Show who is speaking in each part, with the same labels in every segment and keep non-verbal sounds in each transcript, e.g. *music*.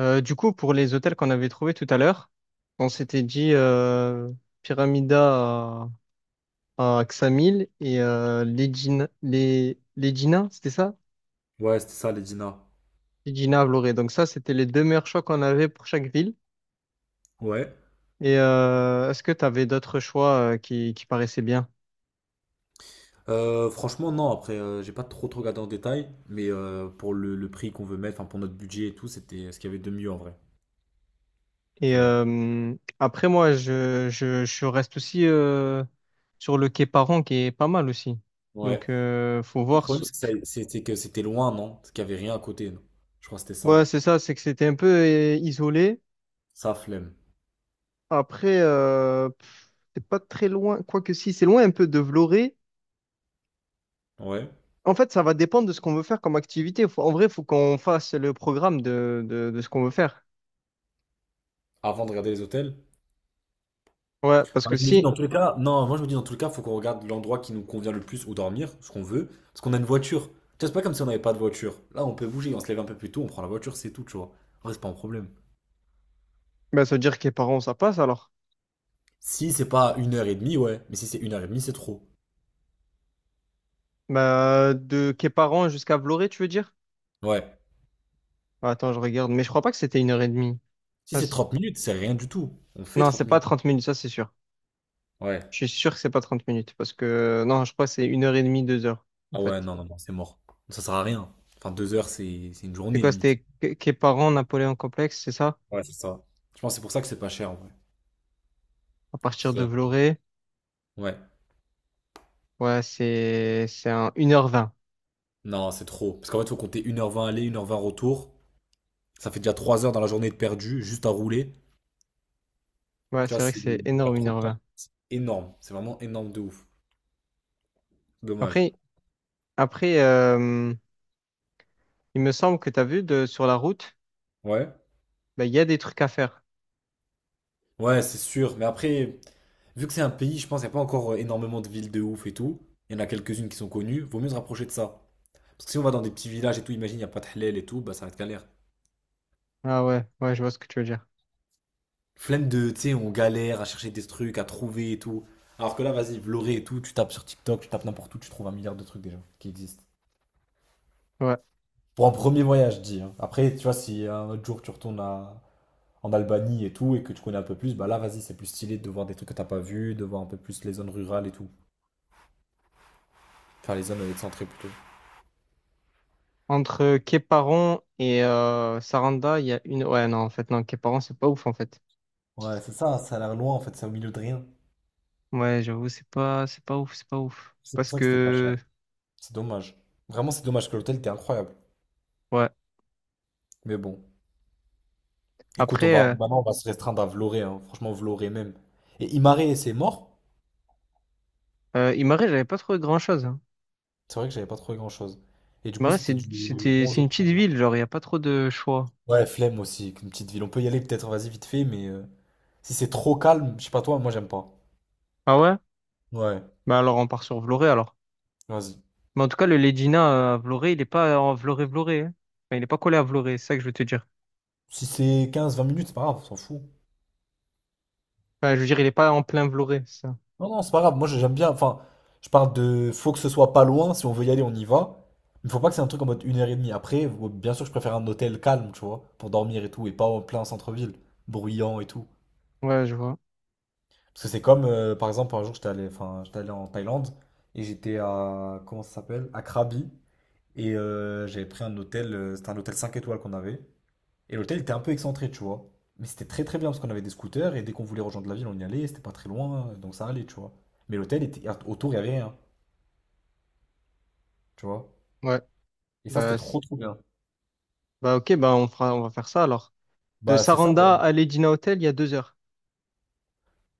Speaker 1: Du coup, pour les hôtels qu'on avait trouvés tout à l'heure, on s'était dit Pyramida à Ksamil et Legina, c'était ça?
Speaker 2: Ouais, c'était ça, les Dina.
Speaker 1: Legina à Vloré. Donc ça, c'était les deux meilleurs choix qu'on avait pour chaque ville.
Speaker 2: Ouais.
Speaker 1: Et est-ce que tu avais d'autres choix qui paraissaient bien?
Speaker 2: Franchement, non, après, j'ai pas trop regardé en détail, mais pour le prix qu'on veut mettre, enfin, pour notre budget et tout, c'était ce qu'il y avait de mieux en vrai,
Speaker 1: Et
Speaker 2: tu vois.
Speaker 1: après, moi, je reste aussi sur le quai Paron qui est pas mal aussi. Donc,
Speaker 2: Ouais.
Speaker 1: faut
Speaker 2: Le
Speaker 1: voir.
Speaker 2: problème, c'est que c'était que c'était loin, non? Parce qu'il y avait rien à côté, non? Je crois que c'était ça.
Speaker 1: Ouais, c'est ça, c'est que c'était un peu isolé.
Speaker 2: Ça, flemme.
Speaker 1: Après, c'est pas très loin, quoique si, c'est loin un peu de Vloré.
Speaker 2: Ouais.
Speaker 1: En fait, ça va dépendre de ce qu'on veut faire comme activité. En vrai, il faut qu'on fasse le programme de ce qu'on veut faire.
Speaker 2: Avant de regarder les hôtels.
Speaker 1: Ouais, parce
Speaker 2: Enfin,
Speaker 1: que
Speaker 2: je me dis
Speaker 1: si,
Speaker 2: dans tous les cas, non, moi je me dis dans tous les cas, faut qu'on regarde l'endroit qui nous convient le plus où dormir, ce qu'on veut, parce qu'on a une voiture. Tu vois, c'est pas comme si on n'avait pas de voiture. Là, on peut bouger, on se lève un peu plus tôt, on prend la voiture, c'est tout, tu vois. En vrai, c'est pas un problème.
Speaker 1: ben, ça veut dire Quéparan, ça passe alors.
Speaker 2: Si c'est pas une heure et demie, ouais. Mais si c'est une heure et demie, c'est trop.
Speaker 1: Ben, de Quéparan jusqu'à Vloré, tu veux dire?
Speaker 2: Ouais.
Speaker 1: Bah, attends, je regarde, mais je crois pas que c'était une heure et demie.
Speaker 2: Si
Speaker 1: Ah,
Speaker 2: c'est
Speaker 1: c'est-
Speaker 2: 30 minutes, c'est rien du tout. On fait
Speaker 1: non, c'est
Speaker 2: 30
Speaker 1: pas
Speaker 2: minutes.
Speaker 1: 30 minutes, ça c'est sûr.
Speaker 2: Ouais.
Speaker 1: Je suis sûr que c'est pas 30 minutes, parce que non, je crois que c'est une heure et demie, deux heures, en
Speaker 2: Ah ouais,
Speaker 1: fait.
Speaker 2: non, non, non, c'est mort. Ça sert à rien. Enfin, deux heures, c'est une
Speaker 1: C'est
Speaker 2: journée
Speaker 1: quoi?
Speaker 2: limite.
Speaker 1: C'était Quéparan, Napoléon Complexe, c'est ça?
Speaker 2: Ouais, c'est ça. Je pense que c'est pour ça que c'est pas cher en vrai.
Speaker 1: À
Speaker 2: Parce
Speaker 1: partir de
Speaker 2: que-
Speaker 1: Vloré.
Speaker 2: Ouais.
Speaker 1: Ouais, c'est un une heure vingt.
Speaker 2: Non, c'est trop. Parce qu'en fait, faut compter une heure vingt aller, une heure vingt retour. Ça fait déjà 3 heures dans la journée de perdu, juste à rouler.
Speaker 1: Ouais,
Speaker 2: Tu
Speaker 1: c'est
Speaker 2: vois,
Speaker 1: vrai que
Speaker 2: c'est
Speaker 1: c'est
Speaker 2: pas
Speaker 1: énorme une
Speaker 2: trop de
Speaker 1: heure vingt.
Speaker 2: temps. Énorme. C'est vraiment énorme de ouf. Dommage.
Speaker 1: Après, après, il me semble que tu as vu sur la route,
Speaker 2: Ouais.
Speaker 1: bah, il y a des trucs à faire.
Speaker 2: Ouais, c'est sûr. Mais après, vu que c'est un pays, je pense qu'il n'y a pas encore énormément de villes de ouf et tout. Il y en a quelques-unes qui sont connues. Vaut mieux se rapprocher de ça. Parce que si on va dans des petits villages et tout, imagine, il n'y a pas de halal et tout, bah ça va être galère.
Speaker 1: Ah ouais, ouais, je vois ce que tu veux dire.
Speaker 2: Flemme de, tu sais, on galère à chercher des trucs, à trouver et tout. Alors que là, vas-y, Vloré et tout, tu tapes sur TikTok, tu tapes n'importe où, tu trouves un milliard de trucs déjà qui existent.
Speaker 1: Ouais.
Speaker 2: Pour un premier voyage, je dis, hein. Après, tu vois, si un autre jour tu retournes à- en Albanie et tout, et que tu connais un peu plus, bah là, vas-y, c'est plus stylé de voir des trucs que t'as pas vu, de voir un peu plus les zones rurales et tout. Enfin, les zones excentrées plutôt.
Speaker 1: Entre Quéparon et Saranda, il y a une. Ouais, non, en fait, non, Quéparon, c'est pas ouf, en fait.
Speaker 2: Ouais, c'est ça, ça a l'air loin en fait, c'est au milieu de rien.
Speaker 1: Ouais, j'avoue, c'est pas ouf, c'est pas ouf.
Speaker 2: C'est pour
Speaker 1: Parce
Speaker 2: ça que c'était pas cher.
Speaker 1: que,
Speaker 2: C'est dommage. Vraiment, c'est dommage que l'hôtel était incroyable.
Speaker 1: ouais.
Speaker 2: Mais bon. Écoute, on
Speaker 1: Après,
Speaker 2: va maintenant on va se restreindre à Vloré, hein. Franchement, Vloré même. Et Imaré, c'est mort.
Speaker 1: Imare, j'avais pas trouvé grand-chose. Hein.
Speaker 2: C'est vrai que j'avais pas trouvé grand-chose. Et du coup,
Speaker 1: Imare,
Speaker 2: c'était du 11
Speaker 1: c'est
Speaker 2: au
Speaker 1: une petite
Speaker 2: 32.
Speaker 1: ville, genre, il y a pas trop de choix.
Speaker 2: Ouais, flemme aussi, une petite ville. On peut y aller peut-être, vas-y, vite fait, mais si c'est trop calme, je sais pas toi, moi j'aime pas.
Speaker 1: Ah ouais?
Speaker 2: Ouais,
Speaker 1: Bah alors, on part sur Vloré, alors.
Speaker 2: vas-y.
Speaker 1: Mais en tout cas, le Ledina à Vloré, il est pas en Vloré-Vloré, hein. Enfin, il n'est pas collé à Vloré, c'est ça que je veux te dire.
Speaker 2: Si c'est quinze vingt minutes, c'est pas grave, on s'en fout.
Speaker 1: Enfin, je veux dire, il est pas en plein Vloré, c'est ça.
Speaker 2: Non, non, c'est pas grave. Moi, j'aime bien. Enfin, je parle de. Faut que ce soit pas loin. Si on veut y aller, on y va. Il faut pas que c'est un truc en mode une heure et demie. Après, ou- bien sûr, je préfère un hôtel calme, tu vois, pour dormir et tout, et pas en plein centre-ville, bruyant et tout.
Speaker 1: Ouais, je vois.
Speaker 2: Parce que c'est comme, par exemple, un jour, j'étais allé, enfin, j'étais allé en Thaïlande et j'étais à. Comment ça s'appelle? À Krabi. Et j'avais pris un hôtel. C'était un hôtel 5 étoiles qu'on avait. Et l'hôtel était un peu excentré, tu vois. Mais c'était très très bien parce qu'on avait des scooters et dès qu'on voulait rejoindre la ville, on y allait. C'était pas très loin, donc ça allait, tu vois. Mais l'hôtel était autour, il y avait rien. Tu vois?
Speaker 1: Ouais.
Speaker 2: Et ça, c'était
Speaker 1: Bah, c'est-
Speaker 2: trop trop bien.
Speaker 1: Bah ok, bah on fera, on va faire ça alors. De
Speaker 2: Bah, c'est ça, bah.
Speaker 1: Saranda à Ledina Hotel, il y a 2 heures.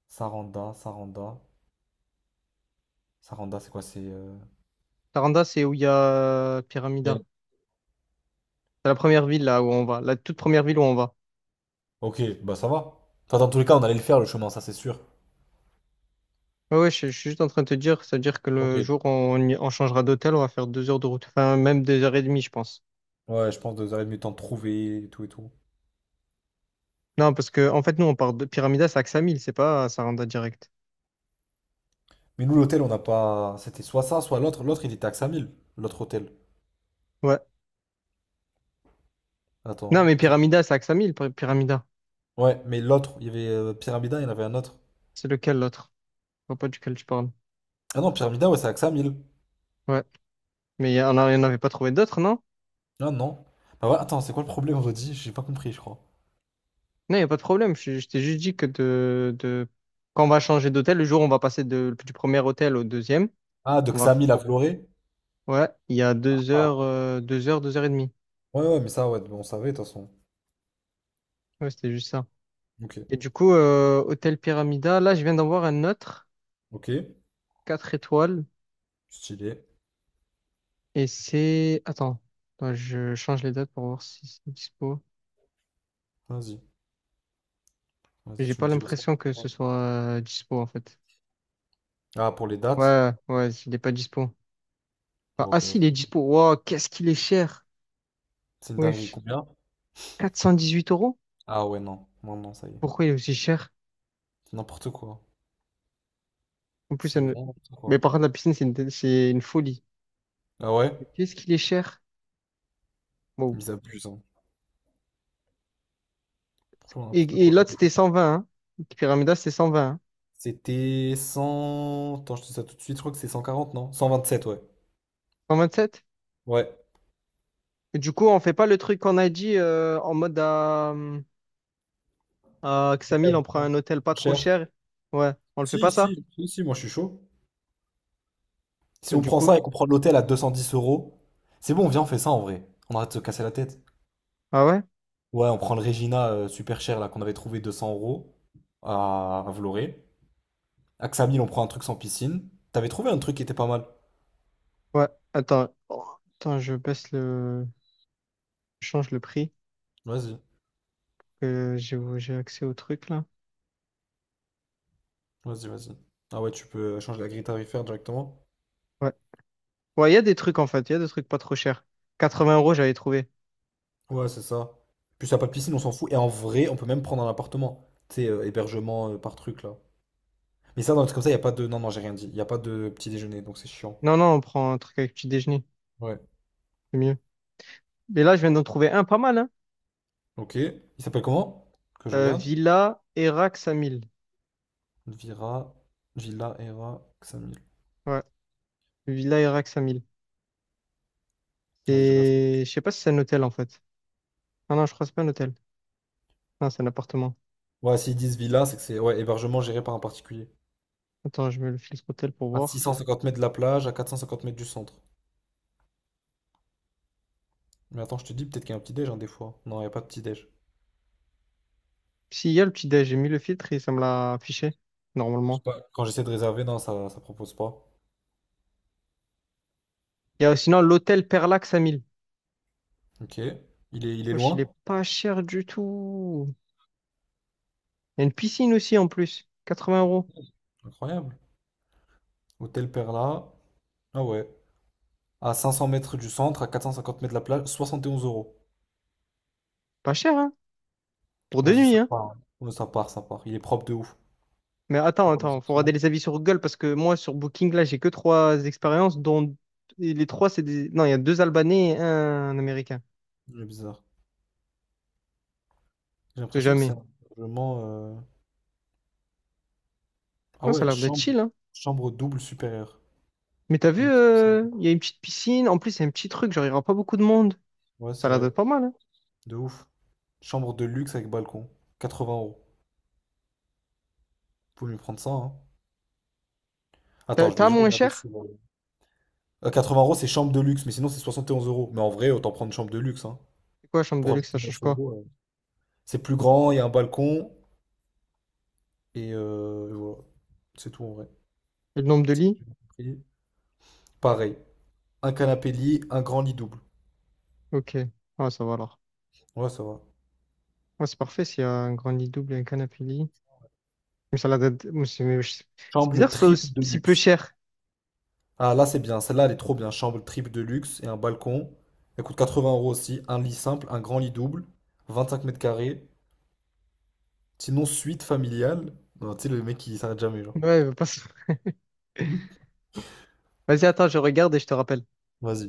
Speaker 2: Saranda, Saranda. Saranda, c'est quoi? C'est.
Speaker 1: Saranda, c'est où il y a Pyramida.
Speaker 2: Bien.
Speaker 1: C'est la première ville là où on va, la toute première ville où on va.
Speaker 2: Ok, bah ça va. Enfin, dans tous les cas, on allait le faire le chemin, ça c'est sûr.
Speaker 1: Ouais, ouais, je suis juste en train de te dire, c'est-à-dire que
Speaker 2: Ok.
Speaker 1: le jour où on changera d'hôtel, on va faire 2 heures de route. Enfin, même deux heures et demie, je pense.
Speaker 2: Ouais, je pense deux heures et demie de temps de trouver et tout et tout.
Speaker 1: Non, parce que en fait, nous, on part de Pyramida, c'est à Ksamil, c'est pas à Saranda direct.
Speaker 2: Mais nous, l'hôtel, on n'a pas. C'était soit ça, soit l'autre. L'autre, il était à 5 000, l'autre hôtel.
Speaker 1: Ouais. Non,
Speaker 2: Attends, hein,
Speaker 1: mais
Speaker 2: je te dis.
Speaker 1: Pyramida, c'est Axamil, Pyramida.
Speaker 2: Ouais, mais l'autre, il y avait Pyramida, il y en avait un autre.
Speaker 1: C'est lequel l'autre? Je vois pas duquel tu parles.
Speaker 2: Ah non, Pyramida, ouais, c'est à 5 000.
Speaker 1: Ouais. Il y en avait pas trouvé d'autres, non?
Speaker 2: Ah non. Bah voilà, attends, c'est quoi le problème, redit? J'ai pas compris, je crois.
Speaker 1: Non, il n'y a pas de problème. Je t'ai juste dit que quand on va changer d'hôtel, le jour où on va passer du premier hôtel au deuxième,
Speaker 2: Ah, de
Speaker 1: on va...
Speaker 2: Xamil à Vloré?
Speaker 1: Ouais, il y a deux
Speaker 2: Ah,
Speaker 1: heures, deux heures, deux heures et demie.
Speaker 2: ouais, ouais, mais ça, ouais, on savait, de toute façon.
Speaker 1: Ouais, c'était juste ça.
Speaker 2: Ok.
Speaker 1: Et du coup, hôtel Pyramida, là, je viens d'en voir un autre,
Speaker 2: Ok,
Speaker 1: 4 étoiles.
Speaker 2: stylé.
Speaker 1: Et c'est... Attends, attends, je change les dates pour voir si c'est dispo.
Speaker 2: Vas-y, vas-y,
Speaker 1: J'ai
Speaker 2: tu me
Speaker 1: pas
Speaker 2: dis aussi.
Speaker 1: l'impression que ce soit dispo, en fait.
Speaker 2: Ah, pour les dates?
Speaker 1: Ouais, ouais, il est pas dispo. Ah,
Speaker 2: Bon,
Speaker 1: ah,
Speaker 2: ok,
Speaker 1: si, il est
Speaker 2: vas-y.
Speaker 1: dispo. Wow, qu'est-ce qu'il est cher.
Speaker 2: C'est une dinguerie.
Speaker 1: Wesh.
Speaker 2: Combien?
Speaker 1: Huit euros?
Speaker 2: Ah ouais, non. Non, non, ça y est.
Speaker 1: Pourquoi il est aussi cher?
Speaker 2: C'est n'importe quoi.
Speaker 1: En plus, ça
Speaker 2: C'est
Speaker 1: ne-
Speaker 2: vraiment n'importe
Speaker 1: Mais
Speaker 2: quoi.
Speaker 1: par contre, la piscine, c'est une folie.
Speaker 2: Ah ouais?
Speaker 1: Mais qu'est-ce qu'il est cher? Wow.
Speaker 2: Ils abusent, hein. Franchement,
Speaker 1: Et,
Speaker 2: n'importe
Speaker 1: et
Speaker 2: quoi.
Speaker 1: l'autre, c'était 120, hein. Pyramida, c'était 120 hein.
Speaker 2: C'était cent. Attends, je te dis ça tout de suite. Je crois que c'est 140 non? 127, ouais.
Speaker 1: 127?
Speaker 2: Ouais.
Speaker 1: Et du coup, on fait pas le truc qu'on a dit en mode à
Speaker 2: Ouais,
Speaker 1: Xamil,
Speaker 2: on
Speaker 1: on prend
Speaker 2: prend un
Speaker 1: un
Speaker 2: truc
Speaker 1: hôtel pas
Speaker 2: moins
Speaker 1: trop
Speaker 2: cher.
Speaker 1: cher. Ouais, on le fait pas
Speaker 2: Si,
Speaker 1: ça?
Speaker 2: si, si, si, moi je suis chaud. Si
Speaker 1: Mais
Speaker 2: on
Speaker 1: du
Speaker 2: prend ça
Speaker 1: coup,
Speaker 2: et qu'on prend l'hôtel à 210 euros, c'est bon, viens, on fait ça en vrai. On arrête de se casser la tête.
Speaker 1: ah ouais?
Speaker 2: Ouais, on prend le Regina super cher là qu'on avait trouvé 200 € à Vloré. Axamil, on prend un truc sans piscine. T'avais trouvé un truc qui était pas mal.
Speaker 1: Ouais, attends. Oh, Attends, je baisse le. Je change le prix.
Speaker 2: Vas-y,
Speaker 1: Que j'ai accès au truc là.
Speaker 2: vas-y, vas-y. Ah ouais, tu peux changer la grille tarifaire directement.
Speaker 1: Ouais. Ouais, il y a des trucs en fait, il y a des trucs pas trop chers. 80 euros, j'avais trouvé.
Speaker 2: Ouais, c'est ça. Puis ça a pas de piscine, on s'en fout. Et en vrai, on peut même prendre un appartement. Tu sais, hébergement par truc là. Mais ça, dans le truc comme ça, y a pas de. Non, non, j'ai rien dit. Y a pas de petit déjeuner, donc c'est chiant.
Speaker 1: Non, non, on prend un truc avec petit déjeuner,
Speaker 2: Ouais.
Speaker 1: c'est mieux. Mais là, je viens d'en trouver un pas mal, hein.
Speaker 2: Ok. Il s'appelle comment? Que je regarde.
Speaker 1: Villa Erax à 1000.
Speaker 2: Vira, Villa, Era, Xamil.
Speaker 1: Ouais, Villa Erax à 1000.
Speaker 2: Vas-y, je regarde ça.
Speaker 1: C'est... Je sais pas si c'est un hôtel en fait. Ah non, je crois que c'est pas un hôtel. Non, c'est un appartement.
Speaker 2: Ouais, s'ils disent villa, c'est que c'est ouais, hébergement géré par un particulier.
Speaker 1: Attends, je mets le filtre hôtel pour
Speaker 2: À six
Speaker 1: voir.
Speaker 2: cent cinquante mètres de la plage, à 450 mètres du centre. Mais attends, je te dis, peut-être qu'il y a un petit-déj, hein, des fois. Non, il n'y a pas de petit-déj.
Speaker 1: Si, il y a le petit déj, j'ai mis le filtre et ça me l'a affiché,
Speaker 2: Je
Speaker 1: normalement.
Speaker 2: sais pas, quand j'essaie de réserver, non, ça propose pas.
Speaker 1: Il y a sinon l'hôtel Perlax à 1000.
Speaker 2: Ok. Il est
Speaker 1: Wesh, il est
Speaker 2: loin?
Speaker 1: pas cher du tout. Il y a une piscine aussi en plus. 80 euros.
Speaker 2: Incroyable. Hôtel Perla. Ah ouais. À 500 mètres du centre, à 450 mètres de la plage, 71 euros.
Speaker 1: Pas cher, hein? Pour deux
Speaker 2: Vas-y,
Speaker 1: nuits,
Speaker 2: ça
Speaker 1: hein?
Speaker 2: part, hein. Ouais, ça part, ça part. Il est propre de ouf.
Speaker 1: Mais attends,
Speaker 2: On voit les
Speaker 1: attends, faut
Speaker 2: options.
Speaker 1: regarder les avis sur Google parce que moi, sur Booking, là, j'ai que 3 expériences, dont et les trois, c'est des. Non, il y a 2 Albanais et un Américain.
Speaker 2: Il est bizarre. J'ai
Speaker 1: Je sais
Speaker 2: l'impression que c'est
Speaker 1: jamais.
Speaker 2: un hébergement. Ah
Speaker 1: Non, ça a
Speaker 2: ouais,
Speaker 1: l'air d'être
Speaker 2: chambre,
Speaker 1: chill, hein?
Speaker 2: double supérieure.
Speaker 1: Mais t'as
Speaker 2: Il
Speaker 1: vu,
Speaker 2: me semble.
Speaker 1: il y a une petite piscine. En plus, il y a un petit truc, genre, il n'y aura pas beaucoup de monde.
Speaker 2: Ouais,
Speaker 1: Ça
Speaker 2: c'est
Speaker 1: a l'air
Speaker 2: vrai.
Speaker 1: d'être pas mal, hein?
Speaker 2: De ouf. Chambre de luxe avec balcon. 80 euros. Faut mieux prendre ça, hein. Attends, je vais
Speaker 1: T'as
Speaker 2: juste
Speaker 1: moins
Speaker 2: regarder
Speaker 1: cher?
Speaker 2: souvent. 80 euros, c'est chambre de luxe, mais sinon c'est 71 euros. Mais en vrai, autant prendre une chambre de luxe, hein.
Speaker 1: C'est quoi, chambre de
Speaker 2: Pour
Speaker 1: luxe, ça
Speaker 2: ajouter 9
Speaker 1: change quoi?
Speaker 2: euros. C'est plus grand, il y a un balcon. Et voilà. C'est tout en vrai.
Speaker 1: Et le nombre de lits?
Speaker 2: J'ai bien compris. Pareil. Un canapé lit, un grand lit double.
Speaker 1: Ok. Ah, ça va alors.
Speaker 2: Ouais, ça va.
Speaker 1: Ah, c'est parfait s'il y a un grand lit double et un canapé lit. Une salade à deux- C'est mais c'est
Speaker 2: Chambre
Speaker 1: bizarre, que ce soit
Speaker 2: triple
Speaker 1: aussi-
Speaker 2: de
Speaker 1: si peu
Speaker 2: luxe.
Speaker 1: cher.
Speaker 2: Ah là, c'est bien. Celle-là, elle est trop bien. Chambre triple de luxe et un balcon. Elle coûte 80 € aussi. Un lit simple, un grand lit double. 25 m². Sinon, suite familiale. Non, tu sais, le mec qui s'arrête jamais, genre.
Speaker 1: Ouais, il veut pas se-
Speaker 2: *laughs*
Speaker 1: Vas-y, attends, je regarde et je te rappelle.
Speaker 2: Vas-y.